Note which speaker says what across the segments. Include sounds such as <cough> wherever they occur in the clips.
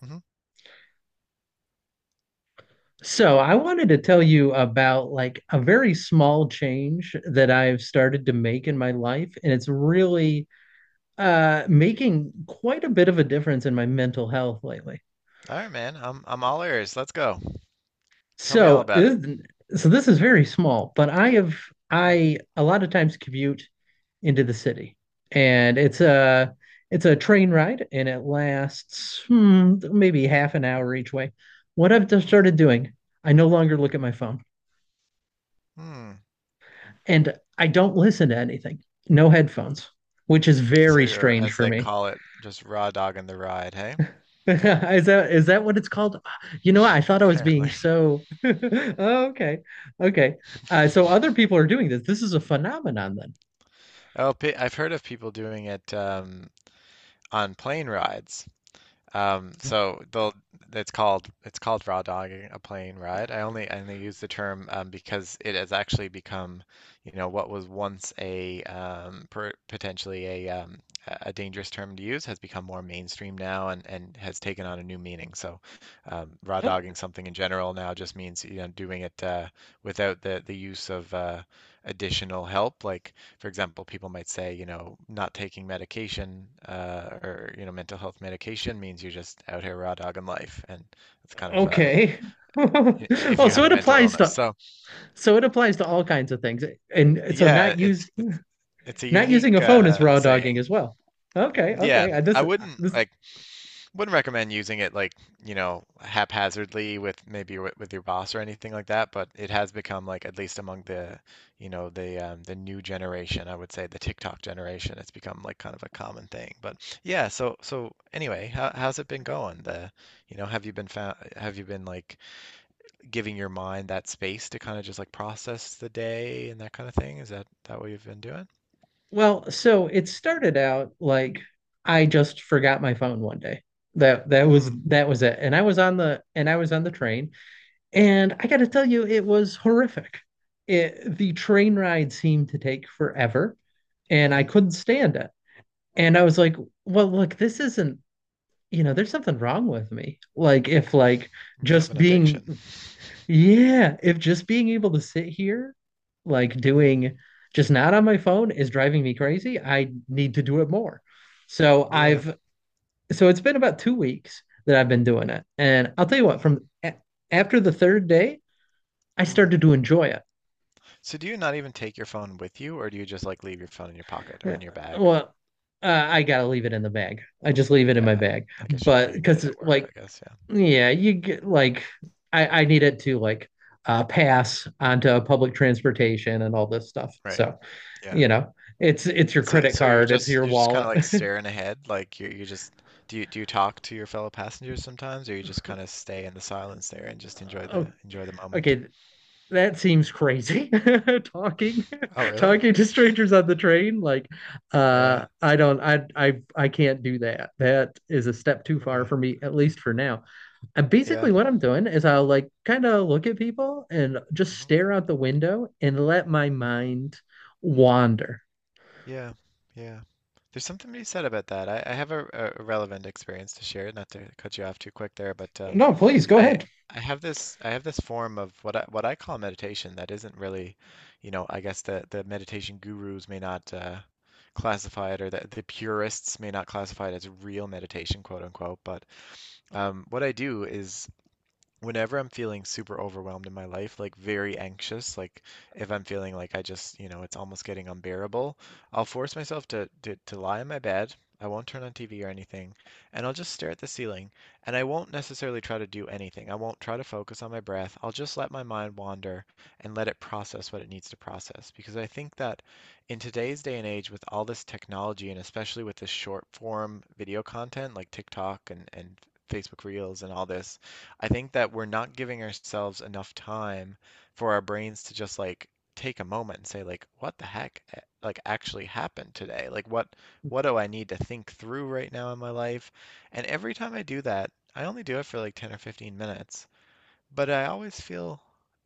Speaker 1: Mhm.
Speaker 2: So I wanted to tell you about like a very small change that I've started to make in my life, and it's really making quite a bit of a difference in my mental health lately.
Speaker 1: All right, man. I'm all ears. Let's go. Tell me all
Speaker 2: So,
Speaker 1: about it.
Speaker 2: this- so this is very small, but I have
Speaker 1: Mm,
Speaker 2: I a lot of times commute into the city, and
Speaker 1: mhm,
Speaker 2: it's a train ride, and it lasts hmm, maybe half an hour each way. What I've just
Speaker 1: mm,
Speaker 2: started doing, I no longer look at my phone.
Speaker 1: mm.
Speaker 2: And I don't listen to anything. No headphones, which is
Speaker 1: So
Speaker 2: very
Speaker 1: you're,
Speaker 2: strange
Speaker 1: as
Speaker 2: for
Speaker 1: they
Speaker 2: me.
Speaker 1: call it, just raw dogging the ride, hey?
Speaker 2: <laughs> Is that what it's called? You know, what? I thought I
Speaker 1: <laughs>
Speaker 2: was being
Speaker 1: Apparently.
Speaker 2: so <laughs> Oh, okay. Okay. So other people are doing this. This is a phenomenon then.
Speaker 1: Oh, I've heard of people doing it on plane rides. So they'll it's called raw dogging a plane ride. I only use the term because it has actually become, you know, what was once a potentially a dangerous term to use has become more mainstream now and has taken on a new meaning. So raw
Speaker 2: Oh,
Speaker 1: dogging something in general now just means, you know, doing it without the use of additional help. Like for example, people might say, you know, not taking medication or, you know, mental health medication means you're just out here raw dogging life, and it's kind of
Speaker 2: okay. <laughs>
Speaker 1: if
Speaker 2: Oh,
Speaker 1: you
Speaker 2: so
Speaker 1: have a
Speaker 2: it
Speaker 1: mental
Speaker 2: applies
Speaker 1: illness.
Speaker 2: to
Speaker 1: So
Speaker 2: so it applies to all kinds of things. And so
Speaker 1: yeah,
Speaker 2: not use
Speaker 1: it's a
Speaker 2: not using
Speaker 1: unique
Speaker 2: a phone is raw dogging
Speaker 1: saying.
Speaker 2: as well. Okay,
Speaker 1: Yeah,
Speaker 2: okay.
Speaker 1: I
Speaker 2: This
Speaker 1: wouldn't
Speaker 2: this
Speaker 1: like wouldn't recommend using it like, you know, haphazardly with maybe with your boss or anything like that, but it has become like at least among the, you know, the new generation, I would say the TikTok generation, it's become like kind of a common thing. But yeah, so anyway, how's it been going? You know, have you been like giving your mind that space to kind of just like process the day and that kind of thing? Is that what you've been doing?
Speaker 2: Well, so it started out like I just forgot my phone one day. That that was
Speaker 1: Hmm.
Speaker 2: that was it. And I was on the and I was on the train, and I got to tell you, it was horrific. It, the train ride seemed to take forever, and I couldn't stand it. And I was like, well, look, this isn't, you know, there's something wrong with me. Like if like
Speaker 1: You have
Speaker 2: just
Speaker 1: an
Speaker 2: being
Speaker 1: addiction.
Speaker 2: yeah, if just being able to sit here, like
Speaker 1: Mm,
Speaker 2: doing just not on my phone is driving me crazy, I need to do it more. So
Speaker 1: yeah.
Speaker 2: I've so it's been about 2 weeks that I've been doing it. And I'll tell you what,
Speaker 1: Hmm.
Speaker 2: from a after the third day, I started to enjoy it.
Speaker 1: So do you not even take your phone with you, or do you just like leave your phone in your pocket or
Speaker 2: Yeah,
Speaker 1: in your bag?
Speaker 2: well, I gotta leave it in the bag. I just leave it in
Speaker 1: Yeah,
Speaker 2: my bag.
Speaker 1: I guess
Speaker 2: But
Speaker 1: you need it
Speaker 2: because
Speaker 1: at work,
Speaker 2: like
Speaker 1: I guess. Yeah.
Speaker 2: yeah, you get like I need it to like pass onto public transportation and all this stuff.
Speaker 1: Right.
Speaker 2: So,
Speaker 1: Yeah.
Speaker 2: you know, it's your
Speaker 1: So
Speaker 2: credit
Speaker 1: so
Speaker 2: card, it's your
Speaker 1: you're just kind of
Speaker 2: wallet.
Speaker 1: like
Speaker 2: <laughs>
Speaker 1: staring ahead, like you just do you talk to your fellow passengers sometimes, or you just kind of stay in the silence there and just
Speaker 2: Oh,
Speaker 1: enjoy the moment?
Speaker 2: okay, that seems crazy. <laughs> Talking
Speaker 1: Oh,
Speaker 2: <laughs>
Speaker 1: really?
Speaker 2: talking to strangers on the train like
Speaker 1: Yeah.
Speaker 2: I don't I can't do that. That is a step too far
Speaker 1: Okay.
Speaker 2: for me at least for now. And
Speaker 1: Yeah.
Speaker 2: basically, what I'm doing is I'll like kind of look at people and just
Speaker 1: Hmm.
Speaker 2: stare out the window and let my
Speaker 1: Hmm.
Speaker 2: mind wander.
Speaker 1: Yeah. Yeah. There's something to be said about that. I have a relevant experience to share, not to cut you off too quick there, but
Speaker 2: No, please go
Speaker 1: I
Speaker 2: ahead.
Speaker 1: I have this form of what I call meditation that isn't really, you know, I guess the meditation gurus may not classify it, or the purists may not classify it as real meditation, quote unquote. But what I do is whenever I'm feeling super overwhelmed in my life, like very anxious, like if I'm feeling like I just, you know, it's almost getting unbearable, I'll force myself to lie in my bed. I won't turn on TV or anything, and I'll just stare at the ceiling. And I won't necessarily try to do anything. I won't try to focus on my breath. I'll just let my mind wander and let it process what it needs to process. Because I think that in today's day and age, with all this technology, and especially with this short form video content like TikTok and Facebook Reels and all this, I think that we're not giving ourselves enough time for our brains to just like take a moment and say like, what the heck like actually happened today? Like what do I need to think through right now in my life? And every time I do that, I only do it for like 10 or 15 minutes, but I always feel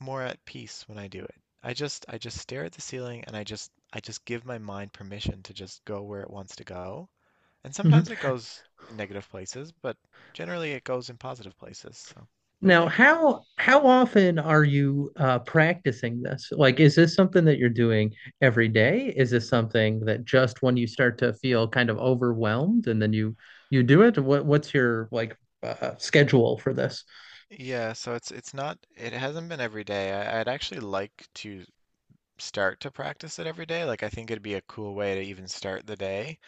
Speaker 1: more at peace when I do it. I just stare at the ceiling and I just give my mind permission to just go where it wants to go. And
Speaker 2: Mm-hmm.
Speaker 1: sometimes it goes in negative places, but generally it goes in positive places. So, what do you
Speaker 2: Now,
Speaker 1: think?
Speaker 2: how often are you practicing this? Like, is this something that you're doing every day? Is this something that just when you start to feel kind of overwhelmed and then you do it? What's your like schedule for this?
Speaker 1: Yeah, so it's not it hasn't been every day. I'd actually like to start to practice it every day. Like I think it'd be a cool way to even start the day.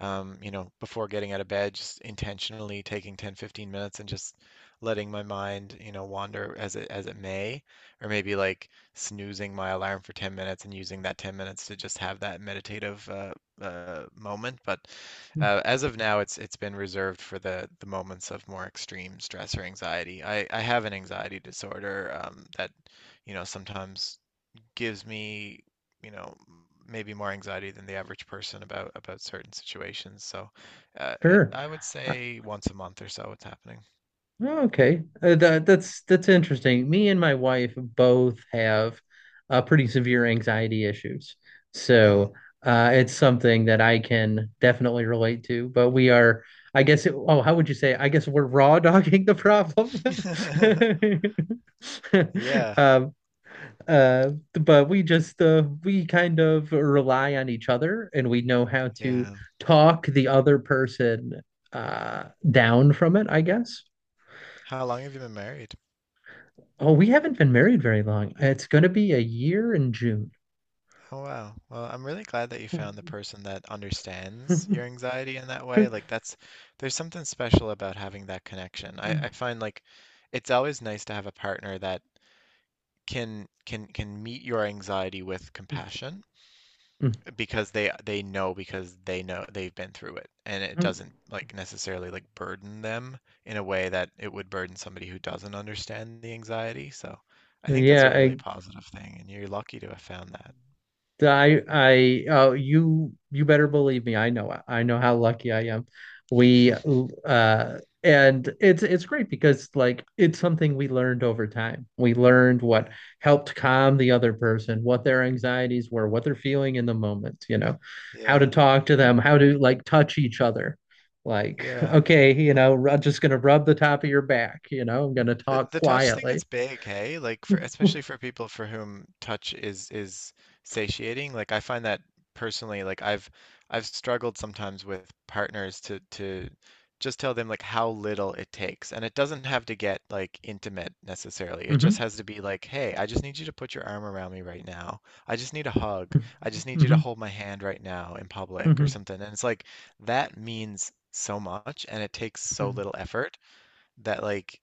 Speaker 1: You know, before getting out of bed, just intentionally taking 10, 15 minutes and just letting my mind, you know, wander as it may, or maybe like snoozing my alarm for 10 minutes and using that 10 minutes to just have that meditative moment. But as of now, it's been reserved for the moments of more extreme stress or anxiety. I have an anxiety disorder that, you know, sometimes gives me, you know, maybe more anxiety than the average person about certain situations. So,
Speaker 2: Sure.
Speaker 1: I would
Speaker 2: Uh,
Speaker 1: say once a month or so, it's happening.
Speaker 2: Oh, okay, that that's interesting. Me and my wife both have pretty severe anxiety issues,
Speaker 1: Hmm.
Speaker 2: so it's something that I can definitely relate to. But we are, I guess, it, oh, how would you say? I guess we're raw <laughs> dogging the problem.
Speaker 1: <laughs>
Speaker 2: <laughs>
Speaker 1: Yeah,
Speaker 2: Um, but we just we kind of rely on each other, and we know how to
Speaker 1: yeah.
Speaker 2: talk the other person uh, down from it, I guess.
Speaker 1: How long have you been married?
Speaker 2: Oh, we haven't been married very long. It's going to be a year in June.
Speaker 1: Oh wow. Well, I'm really glad that you found the
Speaker 2: <laughs>
Speaker 1: person that understands your anxiety in that way. Like that's there's something special about having that connection. I find like it's always nice to have a partner that can meet your anxiety with compassion because they know they've been through it and it doesn't like necessarily like burden them in a way that it would burden somebody who doesn't understand the anxiety. So I think that's
Speaker 2: Yeah,
Speaker 1: a really
Speaker 2: I
Speaker 1: positive thing and you're lucky to have found that.
Speaker 2: I I oh you better believe me. I know how lucky I am. We
Speaker 1: <laughs>
Speaker 2: uh and it's great because like it's something we learned over time. We learned what
Speaker 1: Yeah.
Speaker 2: helped calm the other person, what their anxieties were, what they're feeling in the moment, you know, how to
Speaker 1: Yeah.
Speaker 2: talk to them, how to like touch each other. Like, <laughs>
Speaker 1: Yeah.
Speaker 2: okay, you know, I'm just gonna rub the top of your back, you know, I'm gonna talk
Speaker 1: The touch thing
Speaker 2: quietly.
Speaker 1: is big, hey? Like for
Speaker 2: <laughs>
Speaker 1: especially for people for whom touch is satiating. Like I find that personally, like I've struggled sometimes with partners to just tell them like how little it takes. And it doesn't have to get like intimate necessarily. It just
Speaker 2: Mm-hmm.
Speaker 1: has to be like, "Hey, I just need you to put your arm around me right now. I just need a hug. I just need you to
Speaker 2: hmm
Speaker 1: hold my hand right now in public or
Speaker 2: hmm
Speaker 1: something." And it's like that means so much and it takes so
Speaker 2: hmm
Speaker 1: little effort that like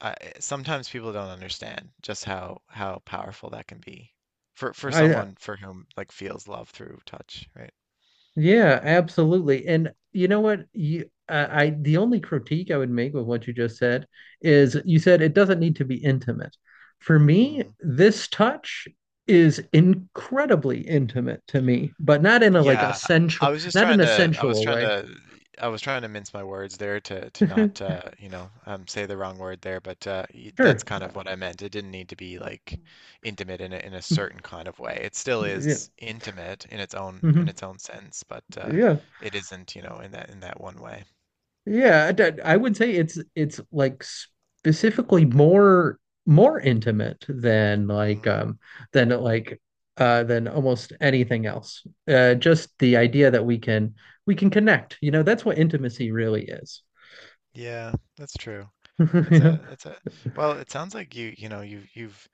Speaker 1: I, sometimes people don't understand just how powerful that can be for
Speaker 2: I
Speaker 1: someone for whom like feels love through touch, right?
Speaker 2: yeah, absolutely. And you know what? You I the only critique I would make with what you just said is you said it doesn't need to be intimate. For me,
Speaker 1: Mm.
Speaker 2: this touch is incredibly intimate to me, but not in a like a
Speaker 1: Yeah, I
Speaker 2: sensual,
Speaker 1: was just
Speaker 2: not in
Speaker 1: trying
Speaker 2: a
Speaker 1: to I was
Speaker 2: sensual
Speaker 1: trying
Speaker 2: way.
Speaker 1: to mince my words there to not
Speaker 2: <laughs>
Speaker 1: you know say the wrong word there, but that's
Speaker 2: Sure.
Speaker 1: kind of what I meant. It didn't need to be like intimate in a certain kind of way. It still
Speaker 2: Yeah.
Speaker 1: is intimate in its own
Speaker 2: hmm
Speaker 1: sense, but
Speaker 2: Yeah.
Speaker 1: it isn't, you know, in that one way.
Speaker 2: Yeah, I would say it's like specifically more more intimate than
Speaker 1: Mm.
Speaker 2: like than like than almost anything else. Just the idea that we can connect. You know, that's what intimacy really is. <laughs>
Speaker 1: Yeah, that's true.
Speaker 2: Yeah.
Speaker 1: It's a well, it sounds like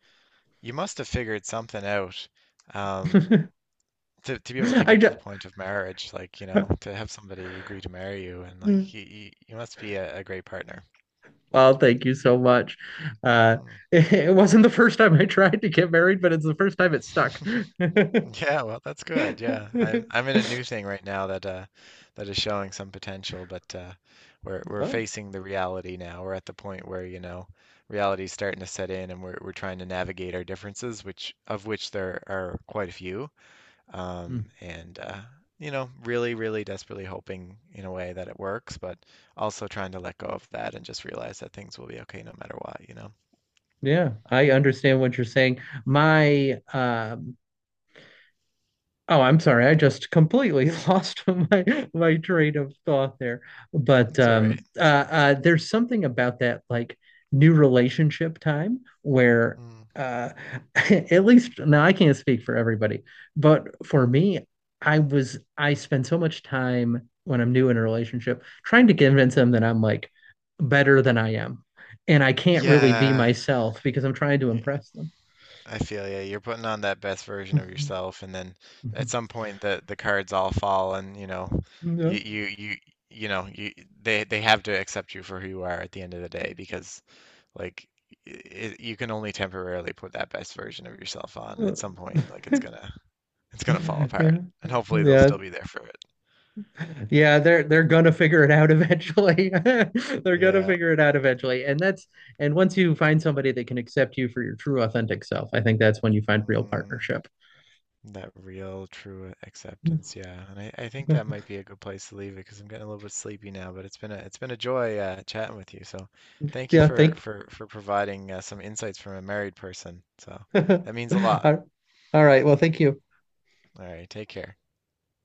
Speaker 1: you must have figured something out um
Speaker 2: <laughs>
Speaker 1: to be able to
Speaker 2: I
Speaker 1: get
Speaker 2: ju-
Speaker 1: to the point of marriage, like, you know, to have somebody agree to marry you and like you must be a great partner.
Speaker 2: well, thank you so much. Uh
Speaker 1: Hmm.
Speaker 2: <laughs> it wasn't the first time I tried to get married, but it's the first time it stuck.
Speaker 1: <laughs> Yeah, well, that's good. Yeah. I'm
Speaker 2: <laughs>
Speaker 1: in a new thing right now that that is showing some potential, but we're
Speaker 2: Oh.
Speaker 1: facing the reality now. We're at the point where, you know, reality's starting to set in and we're trying to navigate our differences, which of which there are quite a few. And You know, really, really desperately hoping in a way that it works, but also trying to let go of that and just realize that things will be okay no matter what, you know.
Speaker 2: Yeah, I understand what you're saying. My oh, I'm sorry. I just completely <laughs> lost my train of thought there. But
Speaker 1: It's all right.
Speaker 2: there's something about that like new relationship time where
Speaker 1: Mm.
Speaker 2: uh <laughs> at least now I can't speak for everybody, but for me, I spend so much time when I'm new in a relationship trying to convince them that I'm like better than I am. And I can't really be
Speaker 1: Yeah,
Speaker 2: myself because I'm trying to
Speaker 1: y-
Speaker 2: impress them.
Speaker 1: I feel you. You're putting on that best version of
Speaker 2: Mhm,
Speaker 1: yourself, and then at
Speaker 2: mhm.
Speaker 1: some point the cards all fall, and you know, you
Speaker 2: No.
Speaker 1: you you you know, you they have to accept you for who you are at the end of the day because like it, you can only temporarily put that best version of yourself on.
Speaker 2: Uh,
Speaker 1: At some point, like
Speaker 2: <laughs>
Speaker 1: it's gonna fall apart,
Speaker 2: Yeah.
Speaker 1: and hopefully they'll still
Speaker 2: Yeah.
Speaker 1: be there for it.
Speaker 2: Yeah, they're gonna figure it out eventually. <laughs> They're gonna
Speaker 1: Yeah.
Speaker 2: figure it out eventually. And once you find somebody that can accept you for your true authentic self, I think that's when you find real
Speaker 1: Mm,
Speaker 2: partnership. <laughs>
Speaker 1: that real true acceptance, yeah. I think that might be a good place to leave it because I'm getting a little bit sleepy now, but it's been a joy chatting with you. So thank you
Speaker 2: Yeah, thank.
Speaker 1: for providing some insights from a married person. So
Speaker 2: <laughs> All
Speaker 1: that means a lot.
Speaker 2: all right. Well, thank you.
Speaker 1: All right, take care.